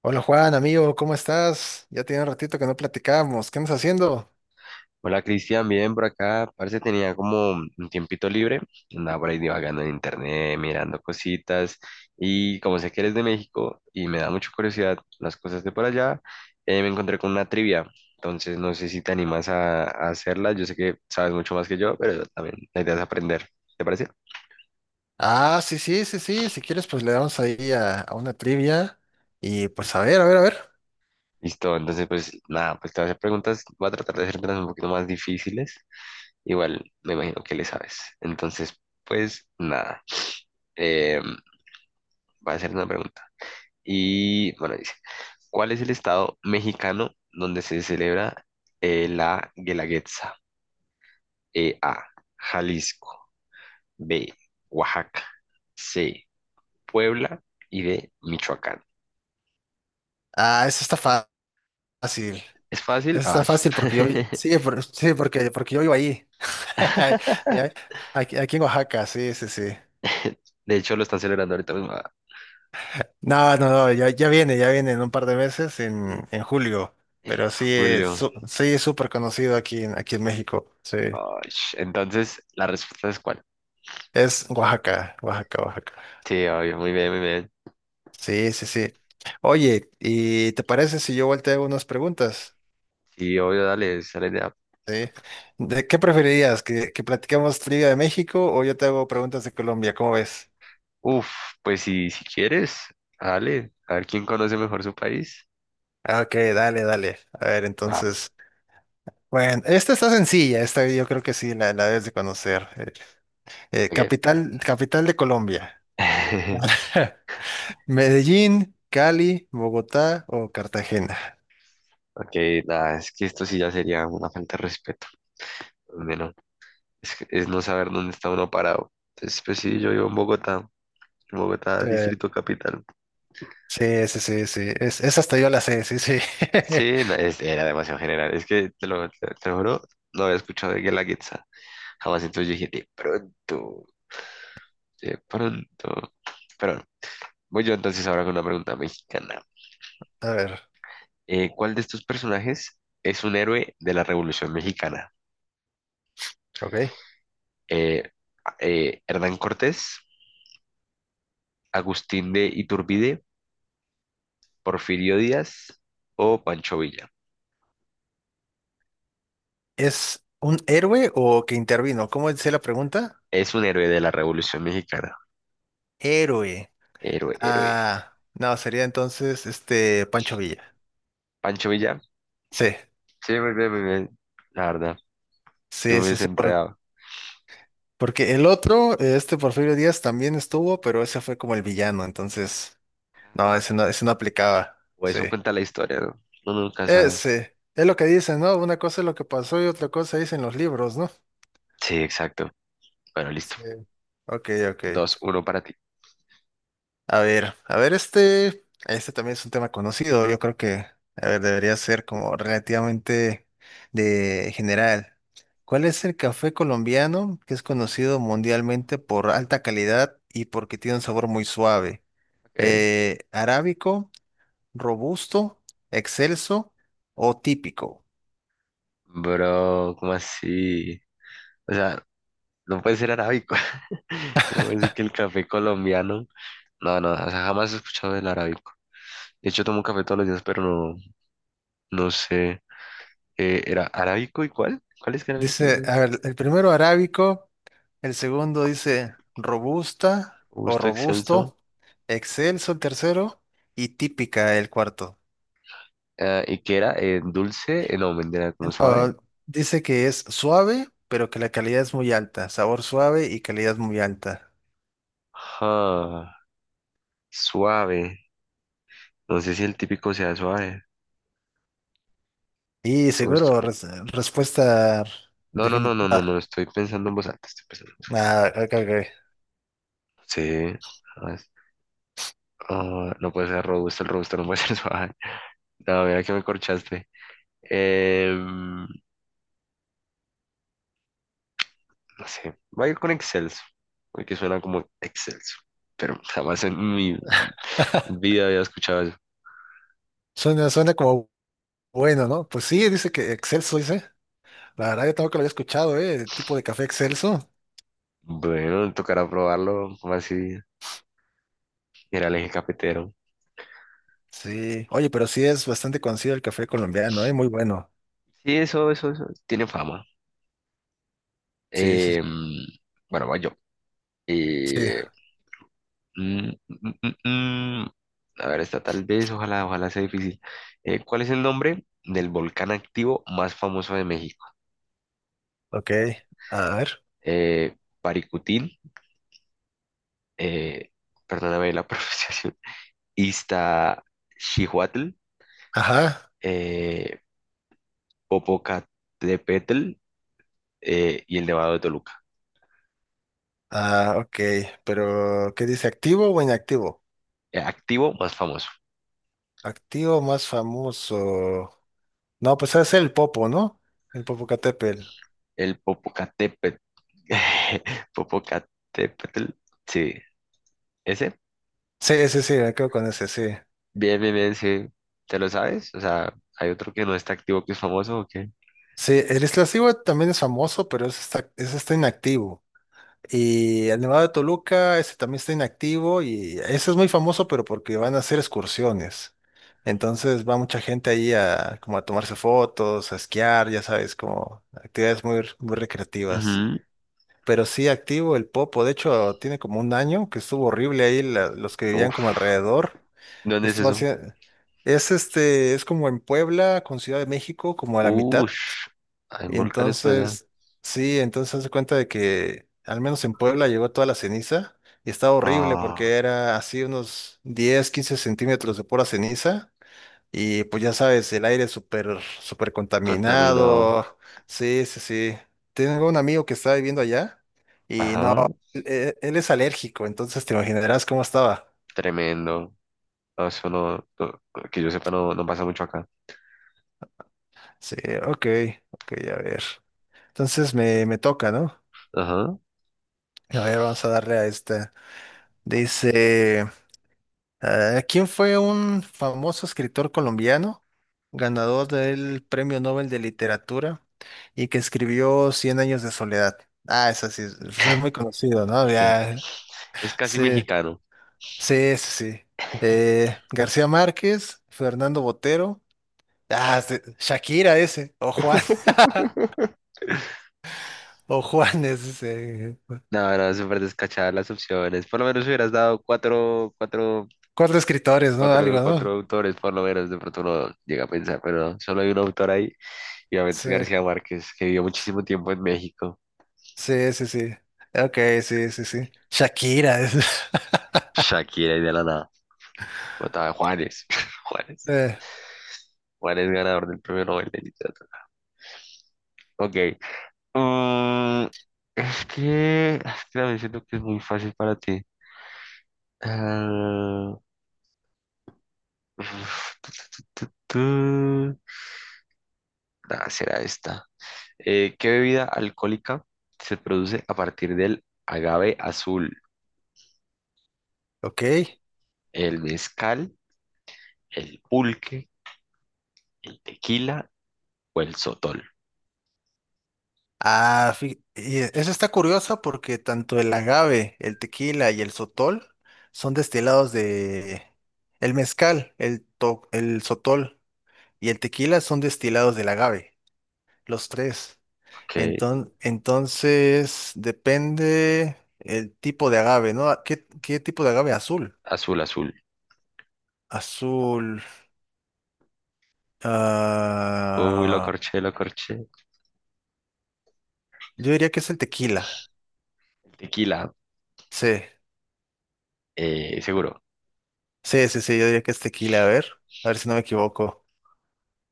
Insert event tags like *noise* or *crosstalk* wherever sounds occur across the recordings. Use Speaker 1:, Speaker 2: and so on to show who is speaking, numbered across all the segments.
Speaker 1: Hola Juan, amigo, ¿cómo estás? Ya tiene un ratito que no platicamos. ¿Qué andas haciendo?
Speaker 2: Hola Cristian, bien por acá. Parece tenía como un tiempito libre. Andaba por ahí divagando en internet, mirando cositas. Y como sé que eres de México y me da mucha curiosidad las cosas de por allá, me encontré con una trivia. Entonces no sé si te animas a hacerla. Yo sé que sabes mucho más que yo, pero también la idea es aprender. ¿Te parece?
Speaker 1: Ah, sí, sí, sí, sí. Si quieres, pues le damos ahí a una trivia. Y pues a ver, a ver, a ver.
Speaker 2: Listo, entonces pues nada, pues te voy a hacer preguntas. Voy a tratar de hacértelas un poquito más difíciles. Igual me imagino que le sabes. Entonces pues nada, eh, voy a hacer una pregunta. Y bueno, dice, ¿cuál es el estado mexicano donde se celebra la Guelaguetza? E, A, Jalisco, B, Oaxaca, C, Puebla y D, Michoacán.
Speaker 1: Ah, eso está fácil.
Speaker 2: ¿Es fácil?
Speaker 1: Eso está
Speaker 2: Ash.
Speaker 1: fácil porque yo vi- sí, por- sí, porque yo vivo ahí. *laughs*
Speaker 2: *laughs*
Speaker 1: Ya, aquí en Oaxaca, sí, sí, sí.
Speaker 2: De hecho, lo están celebrando ahorita mismo. Ah,
Speaker 1: No, no, no, ya, ya viene en un par de meses, en julio. Pero sí,
Speaker 2: julio.
Speaker 1: sí, es súper conocido aquí en México. Sí.
Speaker 2: Ash. Entonces, ¿la respuesta es cuál?
Speaker 1: Es Oaxaca, Oaxaca, Oaxaca.
Speaker 2: Sí, obvio, muy bien, muy bien.
Speaker 1: Sí, sí, sí. Oye, ¿y te parece si yo volteo unas preguntas?
Speaker 2: Sí, obvio, dale, esa es la idea.
Speaker 1: ¿Sí? ¿De qué preferirías? ¿Que platiquemos Liga de México o yo te hago preguntas de Colombia? ¿Cómo ves?
Speaker 2: Uf, pues si, si quieres, dale, a ver quién conoce mejor su país.
Speaker 1: Ah, ok, dale, dale. A ver,
Speaker 2: Ah,
Speaker 1: entonces. Bueno, esta está sencilla, esta yo creo que sí, la debes de conocer.
Speaker 2: ok.
Speaker 1: Capital, capital de Colombia.
Speaker 2: *laughs*
Speaker 1: *laughs* Medellín, Cali, Bogotá o Cartagena.
Speaker 2: Ok, nada, es que esto sí ya sería una falta de respeto. Bueno, es no saber dónde está uno parado. Entonces, pues sí, yo vivo en Bogotá,
Speaker 1: Eh,
Speaker 2: Distrito Capital.
Speaker 1: sí, sí, sí, sí. Es, esa hasta yo la sé, sí, sí.
Speaker 2: Sí, no, era demasiado general. Es que te lo juro, no había escuchado de Guelaguetza jamás. Entonces yo dije, de pronto, de pronto. Pero no. Voy yo entonces ahora con una pregunta mexicana.
Speaker 1: *laughs* A ver,
Speaker 2: ¿Cuál de estos personajes es un héroe de la Revolución Mexicana?
Speaker 1: ok.
Speaker 2: Eh, Hernán Cortés. Agustín de Iturbide, Porfirio Díaz o Pancho Villa.
Speaker 1: ¿Es un héroe o que intervino? ¿Cómo dice la pregunta?
Speaker 2: Es un héroe de la Revolución Mexicana.
Speaker 1: Héroe.
Speaker 2: Héroe, héroe.
Speaker 1: Ah, no, sería entonces este Pancho Villa.
Speaker 2: Pancho Villa.
Speaker 1: Sí,
Speaker 2: Sí, muy bien, muy bien. La verdad, yo
Speaker 1: sí,
Speaker 2: me
Speaker 1: sí,
Speaker 2: hubiese
Speaker 1: sí,
Speaker 2: enredado.
Speaker 1: porque el otro, este Porfirio Díaz también estuvo, pero ese fue como el villano, entonces, no, ese
Speaker 2: Ah,
Speaker 1: no, ese no aplicaba.
Speaker 2: o
Speaker 1: Sí.
Speaker 2: eso cuenta la historia, ¿no? Uno nunca sabe.
Speaker 1: ese Es lo que dicen, ¿no? Una cosa es lo que pasó y otra cosa dicen los libros, ¿no?
Speaker 2: Sí, exacto. Bueno, listo.
Speaker 1: Sí. Ok,
Speaker 2: Dos,
Speaker 1: ok.
Speaker 2: uno para ti.
Speaker 1: A ver, este también es un tema conocido. Yo creo que, a ver, debería ser como relativamente de general. ¿Cuál es el café colombiano que es conocido mundialmente por alta calidad y porque tiene un sabor muy suave?
Speaker 2: Ok.
Speaker 1: Arábico, robusto, excelso o típico.
Speaker 2: Bro, ¿cómo así? O sea, no puede ser arábico. *laughs* ¿Cómo decir que el café colombiano? No, no, o sea, jamás he escuchado del arábico. De hecho, tomo café todos los días, pero no, no sé. ¿Era arábico y cuál? ¿Cuáles canales?
Speaker 1: Dice, a ver, el primero arábico. El segundo dice robusta o
Speaker 2: Gusto excelso.
Speaker 1: robusto, excelso el tercero y típica el cuarto.
Speaker 2: Ah, ¿y qué era? No, mentira, era como suave.
Speaker 1: Ah, dice que es suave, pero que la calidad es muy alta, sabor suave y calidad muy alta.
Speaker 2: Ah, suave. No sé si el típico sea suave.
Speaker 1: Y
Speaker 2: Gusto-
Speaker 1: seguro, respuesta
Speaker 2: No, no, no, no, no, no,
Speaker 1: definitiva.
Speaker 2: estoy pensando en estoy pensando. en voz-
Speaker 1: Ah, ok, ok.
Speaker 2: alta. Sí. Ah, es- ah, no puede ser robusto, el robusto no puede ser suave. *laughs* No, mira que me corchaste. Em, no sé, voy a ir con excelso, porque suena como excelso, pero jamás en mi vida había escuchado eso.
Speaker 1: Suena, suena como bueno, ¿no? Pues sí, dice que excelso, dice. La verdad, yo tampoco lo había escuchado, ¿eh? El tipo de café excelso.
Speaker 2: Bueno, tocará probarlo, a ver si era el eje cafetero.
Speaker 1: Sí. Oye, pero sí es bastante conocido el café colombiano, ¿eh? Muy bueno.
Speaker 2: Sí, eso, tiene fama.
Speaker 1: Sí, sí,
Speaker 2: Eh, bueno, voy yo.
Speaker 1: sí.
Speaker 2: Eh, mm, mm, mm, mm. A ver, esta tal vez, ojalá, ojalá sea difícil. ¿Cuál es el nombre del volcán activo más famoso de México?
Speaker 1: Ok, a ver.
Speaker 2: Eh, Paricutín, eh, perdóname la *laughs* pronunciación, Iztaccíhuatl,
Speaker 1: Ajá.
Speaker 2: eh, Popocatépetl y el Nevado de Toluca.
Speaker 1: Ah, ok. Pero, ¿qué dice? ¿Activo o inactivo?
Speaker 2: Activo más famoso.
Speaker 1: Activo más famoso. No, pues es el Popo, ¿no? El Popocatépetl.
Speaker 2: El Popocatépetl. *laughs* Popocatépetl. Sí, ese.
Speaker 1: Sí, sí, sí, me quedo con ese, sí.
Speaker 2: Bien, bien, bien, sí. ¿Te lo sabes? O sea, ¿hay otro que no está activo que es famoso o qué?
Speaker 1: Sí, el Iztaccíhuatl también es famoso, pero ese está inactivo. Y el Nevado de Toluca, ese también está inactivo y ese es muy famoso, pero porque van a hacer excursiones. Entonces va mucha gente ahí a como a tomarse fotos, a esquiar, ya sabes, como actividades muy, muy recreativas. Pero sí activo el Popo, de hecho tiene como un año que estuvo horrible ahí los que
Speaker 2: Ujú.
Speaker 1: vivían
Speaker 2: Uf.
Speaker 1: como alrededor.
Speaker 2: ¿Dónde es
Speaker 1: Estuvo
Speaker 2: eso?
Speaker 1: hacia- es este, es como en Puebla con Ciudad de México, como a la mitad.
Speaker 2: Ush. Hay
Speaker 1: Y
Speaker 2: volcanes por allá.
Speaker 1: entonces, sí, entonces se cuenta de que al menos en Puebla llegó toda la ceniza y estaba horrible
Speaker 2: Ah,
Speaker 1: porque era así unos 10 15 centímetros de pura ceniza y pues ya sabes, el aire súper, súper
Speaker 2: contaminado.
Speaker 1: contaminado. Sí, sí, sí. Tengo un amigo que está viviendo allá y no,
Speaker 2: Ajá.
Speaker 1: él es alérgico, entonces te imaginarás cómo estaba.
Speaker 2: Tremendo. No, eso no, no- que yo sepa, no, no pasa mucho acá.
Speaker 1: Sí, ok, ok, a ver. Entonces me toca, ¿no?
Speaker 2: Ajá.
Speaker 1: A ver, vamos a darle a esta. Dice... Ah, ¿quién fue un famoso escritor colombiano, ganador del Premio Nobel de Literatura y que escribió Cien años de soledad? Ah, esa sí, es pues, es muy conocido, ¿no?
Speaker 2: *laughs*
Speaker 1: Ya,
Speaker 2: Es casi
Speaker 1: sí,
Speaker 2: mexicano.
Speaker 1: sí, ese sí. García Márquez, Fernando Botero, ah, sí, Shakira ese, o Juan, *laughs* o Juanes, ese.
Speaker 2: No, no, súper descachadas las opciones. Por lo menos hubieras dado cuatro, cuatro
Speaker 1: Cuatro escritores, ¿no?
Speaker 2: cuatro,
Speaker 1: Algo,
Speaker 2: cuatro
Speaker 1: ¿no?
Speaker 2: autores, por lo menos, de pronto uno llega a pensar, pero no, solo hay un autor ahí, y obviamente es
Speaker 1: Sí,
Speaker 2: García Márquez, que vivió muchísimo tiempo en México.
Speaker 1: sí, sí, sí. Ok, sí, sí, sí. Shakira. *laughs*
Speaker 2: Shakira y de la nada. Mataba a Juanes. *laughs* Juanes.
Speaker 1: Eh,
Speaker 2: Juanes ganador del premio Nobel de Literatura. Ok. Mm, es que también siento que es muy fácil para ti. Ah, uf, tú... Nah, será esta. ¿Qué bebida alcohólica se produce a partir del agave azul?
Speaker 1: ok.
Speaker 2: El mezcal, el pulque, el tequila o el sotol.
Speaker 1: Ah, eso está curioso porque tanto el agave, el tequila y el sotol son destilados de... El mezcal, el sotol y el tequila son destilados del agave, los tres.
Speaker 2: Ok,
Speaker 1: Entonces, depende el tipo de agave, ¿no? Ah, ¿qué tipo de agave? Azul.
Speaker 2: azul, azul.
Speaker 1: Azul.
Speaker 2: Uy, lo
Speaker 1: Ah,
Speaker 2: corché, lo corché.
Speaker 1: yo diría que es el tequila.
Speaker 2: Tequila,
Speaker 1: Sí,
Speaker 2: seguro.
Speaker 1: sí, sí, sí, yo diría que es tequila. A ver si no me equivoco.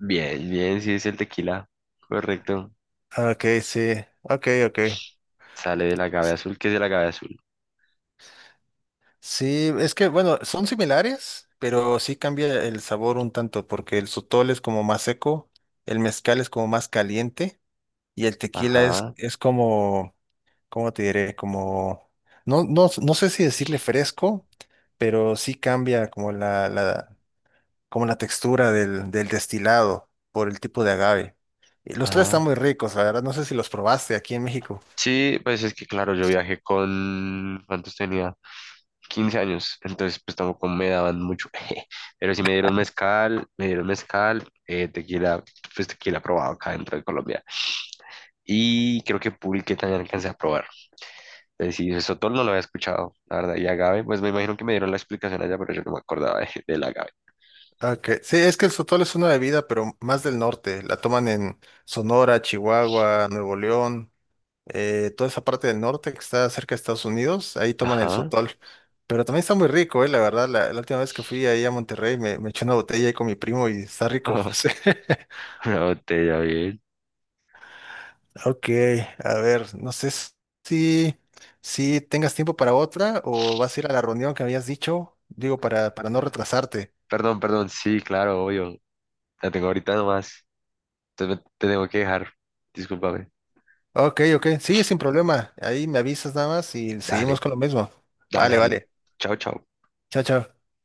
Speaker 2: Bien, bien, sí es el tequila. Correcto.
Speaker 1: Ok, sí, ok, ok.
Speaker 2: Sale del agave azul. ¿Qué es el agave azul?
Speaker 1: Sí, es que bueno, son similares, pero sí cambia el sabor un tanto, porque el sotol es como más seco, el mezcal es como más caliente, y el tequila
Speaker 2: Ajá,
Speaker 1: es como, ¿cómo te diré? Como, no, no, no sé si decirle fresco, pero sí cambia como como la textura del destilado por el tipo de agave. Y los tres
Speaker 2: ajá.
Speaker 1: están muy ricos, la verdad, no sé si los probaste aquí en México.
Speaker 2: Sí, pues es que claro, yo viajé con... ¿Cuántos tenía? 15 años. Entonces, pues tampoco me daban mucho. *laughs* Pero sí me dieron mezcal, tequila, pues tequila probado acá dentro de Colombia. Y creo que Pulque también alcancé a probar. Es decir, Sotol no lo había escuchado, la verdad. Y agave, pues me imagino que me dieron la explicación allá, pero yo no me acordaba del agave.
Speaker 1: Ok, sí, es que el sotol es una bebida, pero más del norte. La toman en Sonora, Chihuahua, Nuevo León, toda esa parte del norte que está cerca de Estados Unidos, ahí toman el
Speaker 2: Ajá.
Speaker 1: sotol. Pero también está muy rico, la verdad. La última vez que fui ahí a Monterrey me eché una botella ahí con mi primo y está
Speaker 2: *laughs*
Speaker 1: rico. *laughs*
Speaker 2: Ajá.
Speaker 1: Sí.
Speaker 2: Una botella, bien.
Speaker 1: Ok, a ver, no sé si, si tengas tiempo para otra o vas a ir a la reunión que habías dicho, digo, para no
Speaker 2: Ah,
Speaker 1: retrasarte.
Speaker 2: perdón, perdón, sí, claro, obvio. La tengo ahorita nomás. Te tengo que dejar. Discúlpame.
Speaker 1: Ok, ok. Sí, sin problema. Ahí me avisas nada más y seguimos
Speaker 2: Dale,
Speaker 1: con lo mismo.
Speaker 2: dale,
Speaker 1: Vale,
Speaker 2: dale.
Speaker 1: vale.
Speaker 2: Chao, chao.
Speaker 1: Chao, chao.